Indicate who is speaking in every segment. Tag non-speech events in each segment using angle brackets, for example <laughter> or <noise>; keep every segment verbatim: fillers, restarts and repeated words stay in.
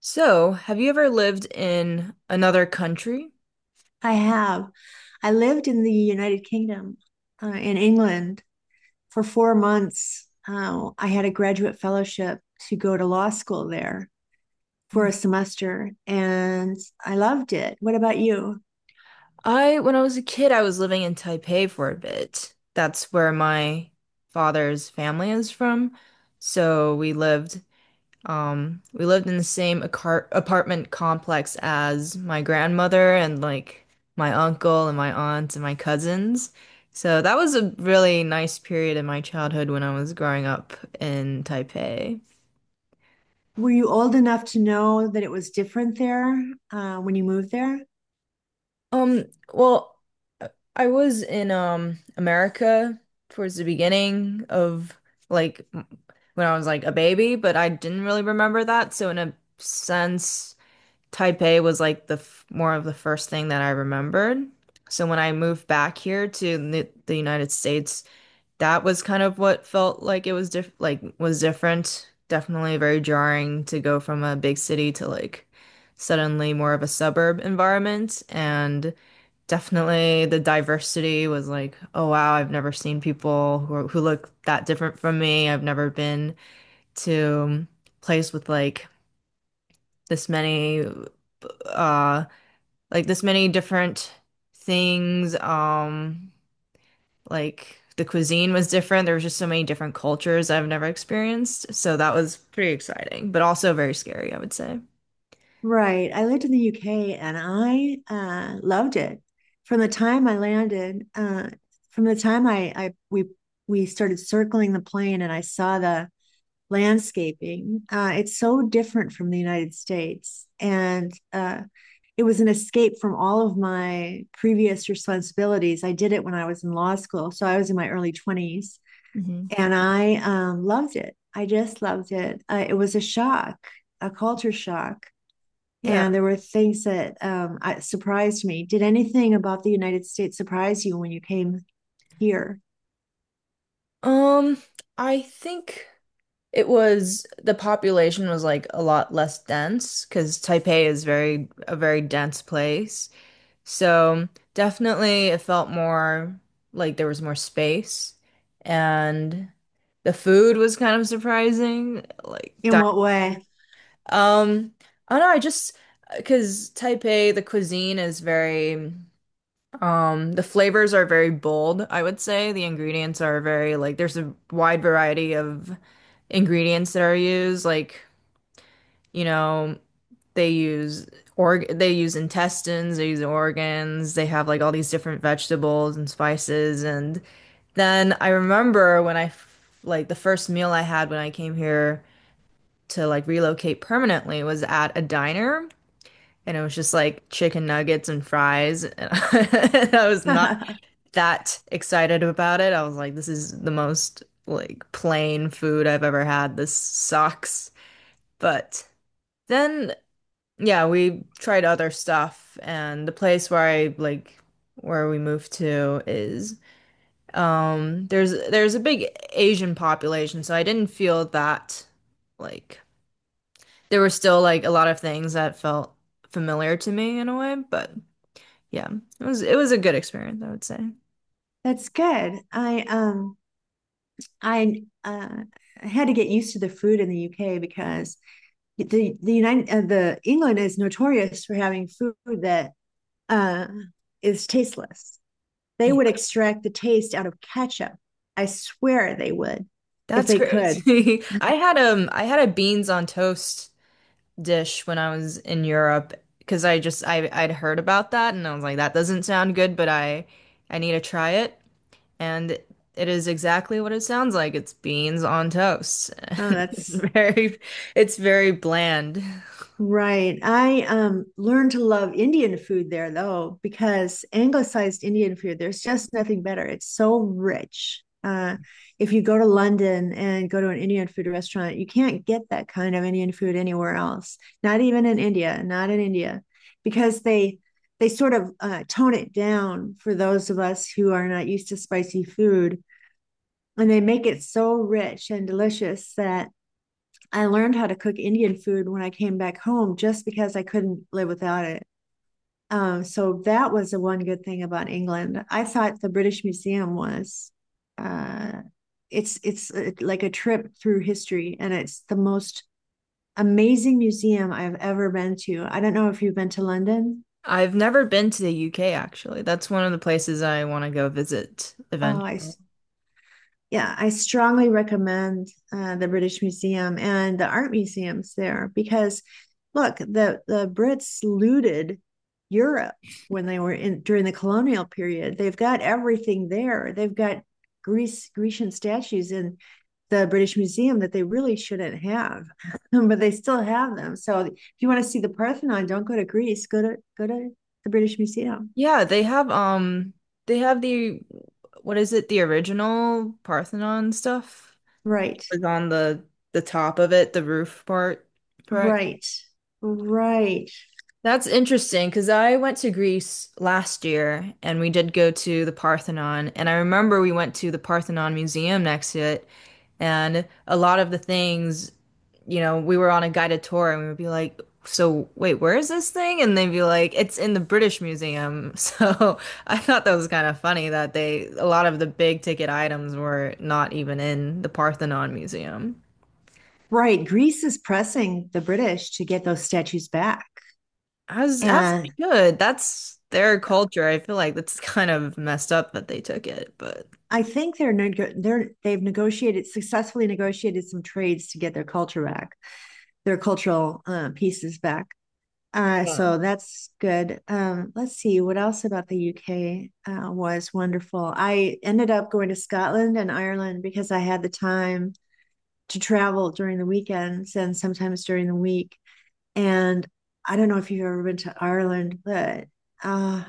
Speaker 1: So, have you ever lived in another country?
Speaker 2: I have. I lived in the United Kingdom, uh, in England for four months. Uh, I had a graduate fellowship to go to law school there for a
Speaker 1: Mm.
Speaker 2: semester, and I loved it. What about you?
Speaker 1: I, when I was a kid, I was living in Taipei for a bit. That's where my father's family is from. So we lived, um, we lived in the same acar apartment complex as my grandmother and like my uncle and my aunt and my cousins. So that was a really nice period in my childhood when I was growing up in Taipei.
Speaker 2: Were you old enough to know that it was different there, uh, when you moved there?
Speaker 1: Um, well, uh, I was in um America towards the beginning of like m- when I was like a baby, but I didn't really remember that. So in a sense, Taipei was like the f more of the first thing that I remembered. So when I moved back here to the, the United States, that was kind of what felt like it was diff like was different. Definitely very jarring to go from a big city to like suddenly more of a suburb environment. And definitely the diversity was like, oh wow, I've never seen people who are, who look that different from me. I've never been to a place with like this many uh like this many different things. Um like the cuisine was different. There was just so many different cultures I've never experienced. So that was pretty exciting, but also very scary, I would say.
Speaker 2: Right. I lived in the U K and I uh, loved it. From the time I landed, uh, from the time I, I we we started circling the plane and I saw the landscaping, uh, it's so different from the United States. And uh, it was an escape from all of my previous responsibilities. I did it when I was in law school, so I was in my early twenties
Speaker 1: Hmm.
Speaker 2: and I um, loved it. I just loved it. Uh, it was a shock, a culture shock,
Speaker 1: Yeah.
Speaker 2: and there were things that um, surprised me. Did anything about the United States surprise you when you came here?
Speaker 1: Um, I think it was the population was like a lot less dense because Taipei is very a very dense place. So definitely it felt more like there was more space, and the food was kind of surprising. Like
Speaker 2: In
Speaker 1: di-
Speaker 2: what way?
Speaker 1: um I don't know, I just because Taipei, the cuisine is very um the flavors are very bold, I would say. The ingredients are very like there's a wide variety of ingredients that are used, like you know, they use org they use intestines, they use organs, they have like all these different vegetables and spices. And then I remember when I f- like the first meal I had when I came here to like relocate permanently was at a diner. And it was just like chicken nuggets and fries. <laughs> And I was
Speaker 2: <laughs>
Speaker 1: not that excited about it. I was like, this is the most like plain food I've ever had. This sucks. But then yeah, we tried other stuff, and the place where I like where we moved to is um there's there's a big Asian population, so I didn't feel that like there were still like a lot of things that felt familiar to me in a way, but yeah, it was it was a good experience, I would say.
Speaker 2: That's good. I um I uh, had to get used to the food in the U K because the the United uh, the England is notorious for having food that uh, is tasteless. They
Speaker 1: Yeah,
Speaker 2: would extract the taste out of ketchup. I swear they would if
Speaker 1: that's
Speaker 2: they
Speaker 1: great.
Speaker 2: could.
Speaker 1: <laughs> I had um I had a beans on toast dish when I was in Europe because I just I I'd heard about that and I was like that doesn't sound good, but I I need to try it, and it is exactly what it sounds like. It's beans on toast. <laughs>
Speaker 2: Oh,
Speaker 1: It's
Speaker 2: that's
Speaker 1: very, it's very bland.
Speaker 2: right. I um learned to love Indian food there though, because anglicized Indian food, there's just nothing better. It's so rich. Uh, if you go to London and go to an Indian food restaurant, you can't get that kind of Indian food anywhere else. Not even in India, not in India, because they they sort of uh, tone it down for those of us who are not used to spicy food, and they make it so rich and delicious that I learned how to cook Indian food when I came back home just because I couldn't live without it. Um, so that was the one good thing about England. I thought the British Museum was uh, it's it's uh, like a trip through history, and it's the most amazing museum I've ever been to. I don't know if you've been to London.
Speaker 1: I've never been to the U K, actually. That's one of the places I want to go visit
Speaker 2: Oh, I
Speaker 1: eventually.
Speaker 2: Yeah, I strongly recommend uh, the British Museum and the art museums there because, look, the the Brits looted Europe when they were in during the colonial period. They've got everything there. They've got Greece Grecian statues in the British Museum that they really shouldn't have, <laughs> but they still have them. So if you want to see the Parthenon, don't go to Greece. Go to go to the British Museum.
Speaker 1: Yeah, they have um they have the what is it the original Parthenon stuff
Speaker 2: Right,
Speaker 1: was on the the top of it, the roof part, correct?
Speaker 2: right, right.
Speaker 1: That's interesting because I went to Greece last year and we did go to the Parthenon. And I remember we went to the Parthenon Museum next to it. And a lot of the things, you know, we were on a guided tour and we would be like, so, wait, where is this thing? And they'd be like, it's in the British Museum. <laughs> So I thought that was kind of funny that they, a lot of the big ticket items were not even in the Parthenon Museum.
Speaker 2: Right. Greece is pressing the British to get those statues back.
Speaker 1: As as they
Speaker 2: And
Speaker 1: should. That's their culture. I feel like that's <laughs> kind of messed up that they took it, but
Speaker 2: I think they're, they're they've negotiated successfully negotiated some trades to get their culture back, their cultural uh, pieces back. Uh,
Speaker 1: yeah.
Speaker 2: so that's good. Um, let's see what else about the U K uh, was wonderful. I ended up going to Scotland and Ireland because I had the time to travel during the weekends and sometimes during the week. And I don't know if you've ever been to Ireland, but uh,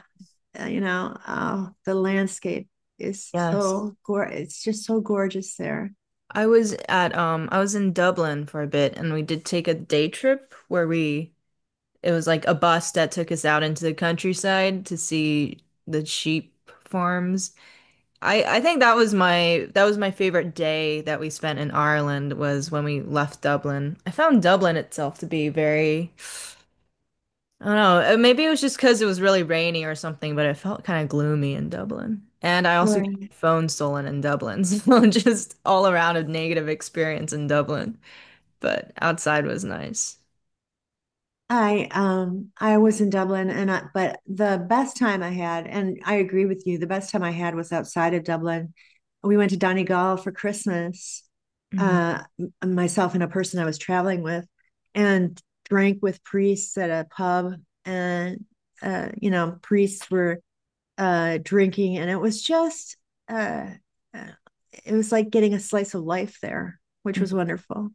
Speaker 2: uh, you know, uh, the landscape is
Speaker 1: Yes.
Speaker 2: so gor it's just so gorgeous there.
Speaker 1: I was at um I was in Dublin for a bit and we did take a day trip where we it was like a bus that took us out into the countryside to see the sheep farms. I I think that was my that was my favorite day that we spent in Ireland was when we left Dublin. I found Dublin itself to be very I don't know. uh, Maybe it was just because it was really rainy or something, but it felt kind of gloomy in Dublin. And I also got
Speaker 2: Right.
Speaker 1: my phone stolen in Dublin. <laughs> So just all around a negative experience in Dublin. But outside was nice.
Speaker 2: I um I was in Dublin and I, but the best time I had, and I agree with you, the best time I had was outside of Dublin. We went to Donegal for Christmas.
Speaker 1: Hmm.
Speaker 2: Uh Myself and a person I was traveling with, and drank with priests at a pub, and uh you know, priests were uh drinking, and it was just uh uh, it was like getting a slice of life there, which was wonderful.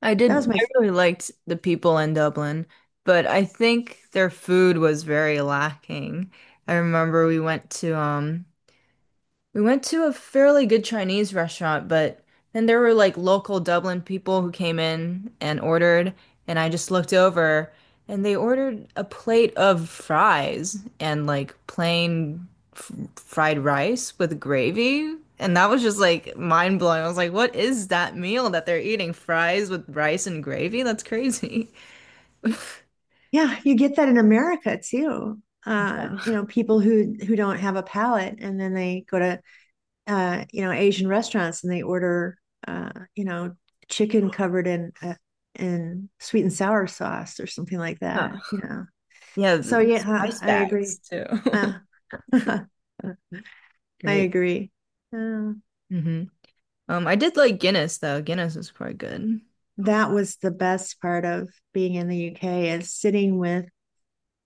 Speaker 1: I did,
Speaker 2: That was my
Speaker 1: I really liked the people in Dublin, but I think their food was very lacking. I remember we went to um we went to a fairly good Chinese restaurant, but then there were like local Dublin people who came in and ordered, and I just looked over and they ordered a plate of fries and like plain f fried rice with gravy. And that was just like mind blowing. I was like, what is that meal that they're eating? Fries with rice and gravy? That's crazy. <laughs>
Speaker 2: Yeah, you get that in America too. Uh you
Speaker 1: Yeah.
Speaker 2: know, people who who don't have a palate, and then they go to uh you know, Asian restaurants, and they order uh you know, chicken covered in uh, in sweet and sour sauce or something like that,
Speaker 1: Huh.
Speaker 2: you know.
Speaker 1: Yeah, th-
Speaker 2: So
Speaker 1: the
Speaker 2: yeah,
Speaker 1: spice
Speaker 2: I agree.
Speaker 1: bags too.
Speaker 2: uh, <laughs> I
Speaker 1: <laughs> Great.
Speaker 2: agree uh,
Speaker 1: Hmm. Um, I did like Guinness though. Guinness is quite good.
Speaker 2: that was the best part of being in the U K, is sitting with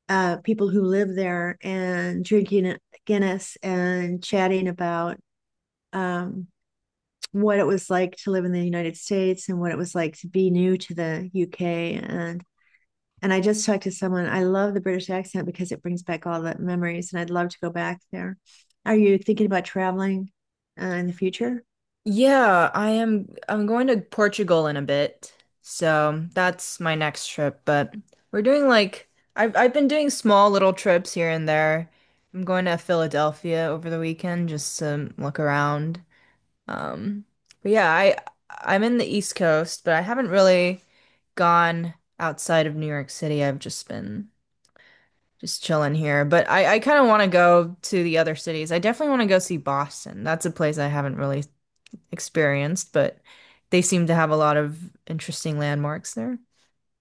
Speaker 2: uh, people who live there and drinking Guinness and chatting about um, what it was like to live in the United States and what it was like to be new to the U K, and and I just talked to someone. I love the British accent because it brings back all the memories, and I'd love to go back there. Are you thinking about traveling uh, in the future?
Speaker 1: Yeah, I am, I'm going to Portugal in a bit. So that's my next trip, but we're doing like I've I've been doing small little trips here and there. I'm going to Philadelphia over the weekend just to look around. Um, but yeah, I I'm in the East Coast, but I haven't really gone outside of New York City. I've just been just chilling here, but I, I kind of want to go to the other cities. I definitely want to go see Boston. That's a place I haven't really experienced, but they seem to have a lot of interesting landmarks there.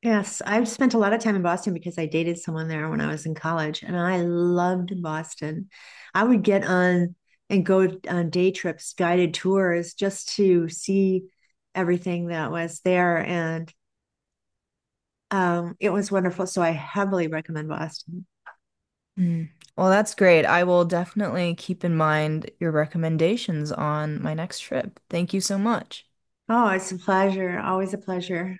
Speaker 2: Yes, I've spent a lot of time in Boston because I dated someone there when I was in college, and I loved Boston. I would get on and go on day trips, guided tours, just to see everything that was there. And um, it was wonderful. So I heavily recommend Boston.
Speaker 1: Mm. Well, that's great. I will definitely keep in mind your recommendations on my next trip. Thank you so much.
Speaker 2: Oh, it's a pleasure. Always a pleasure.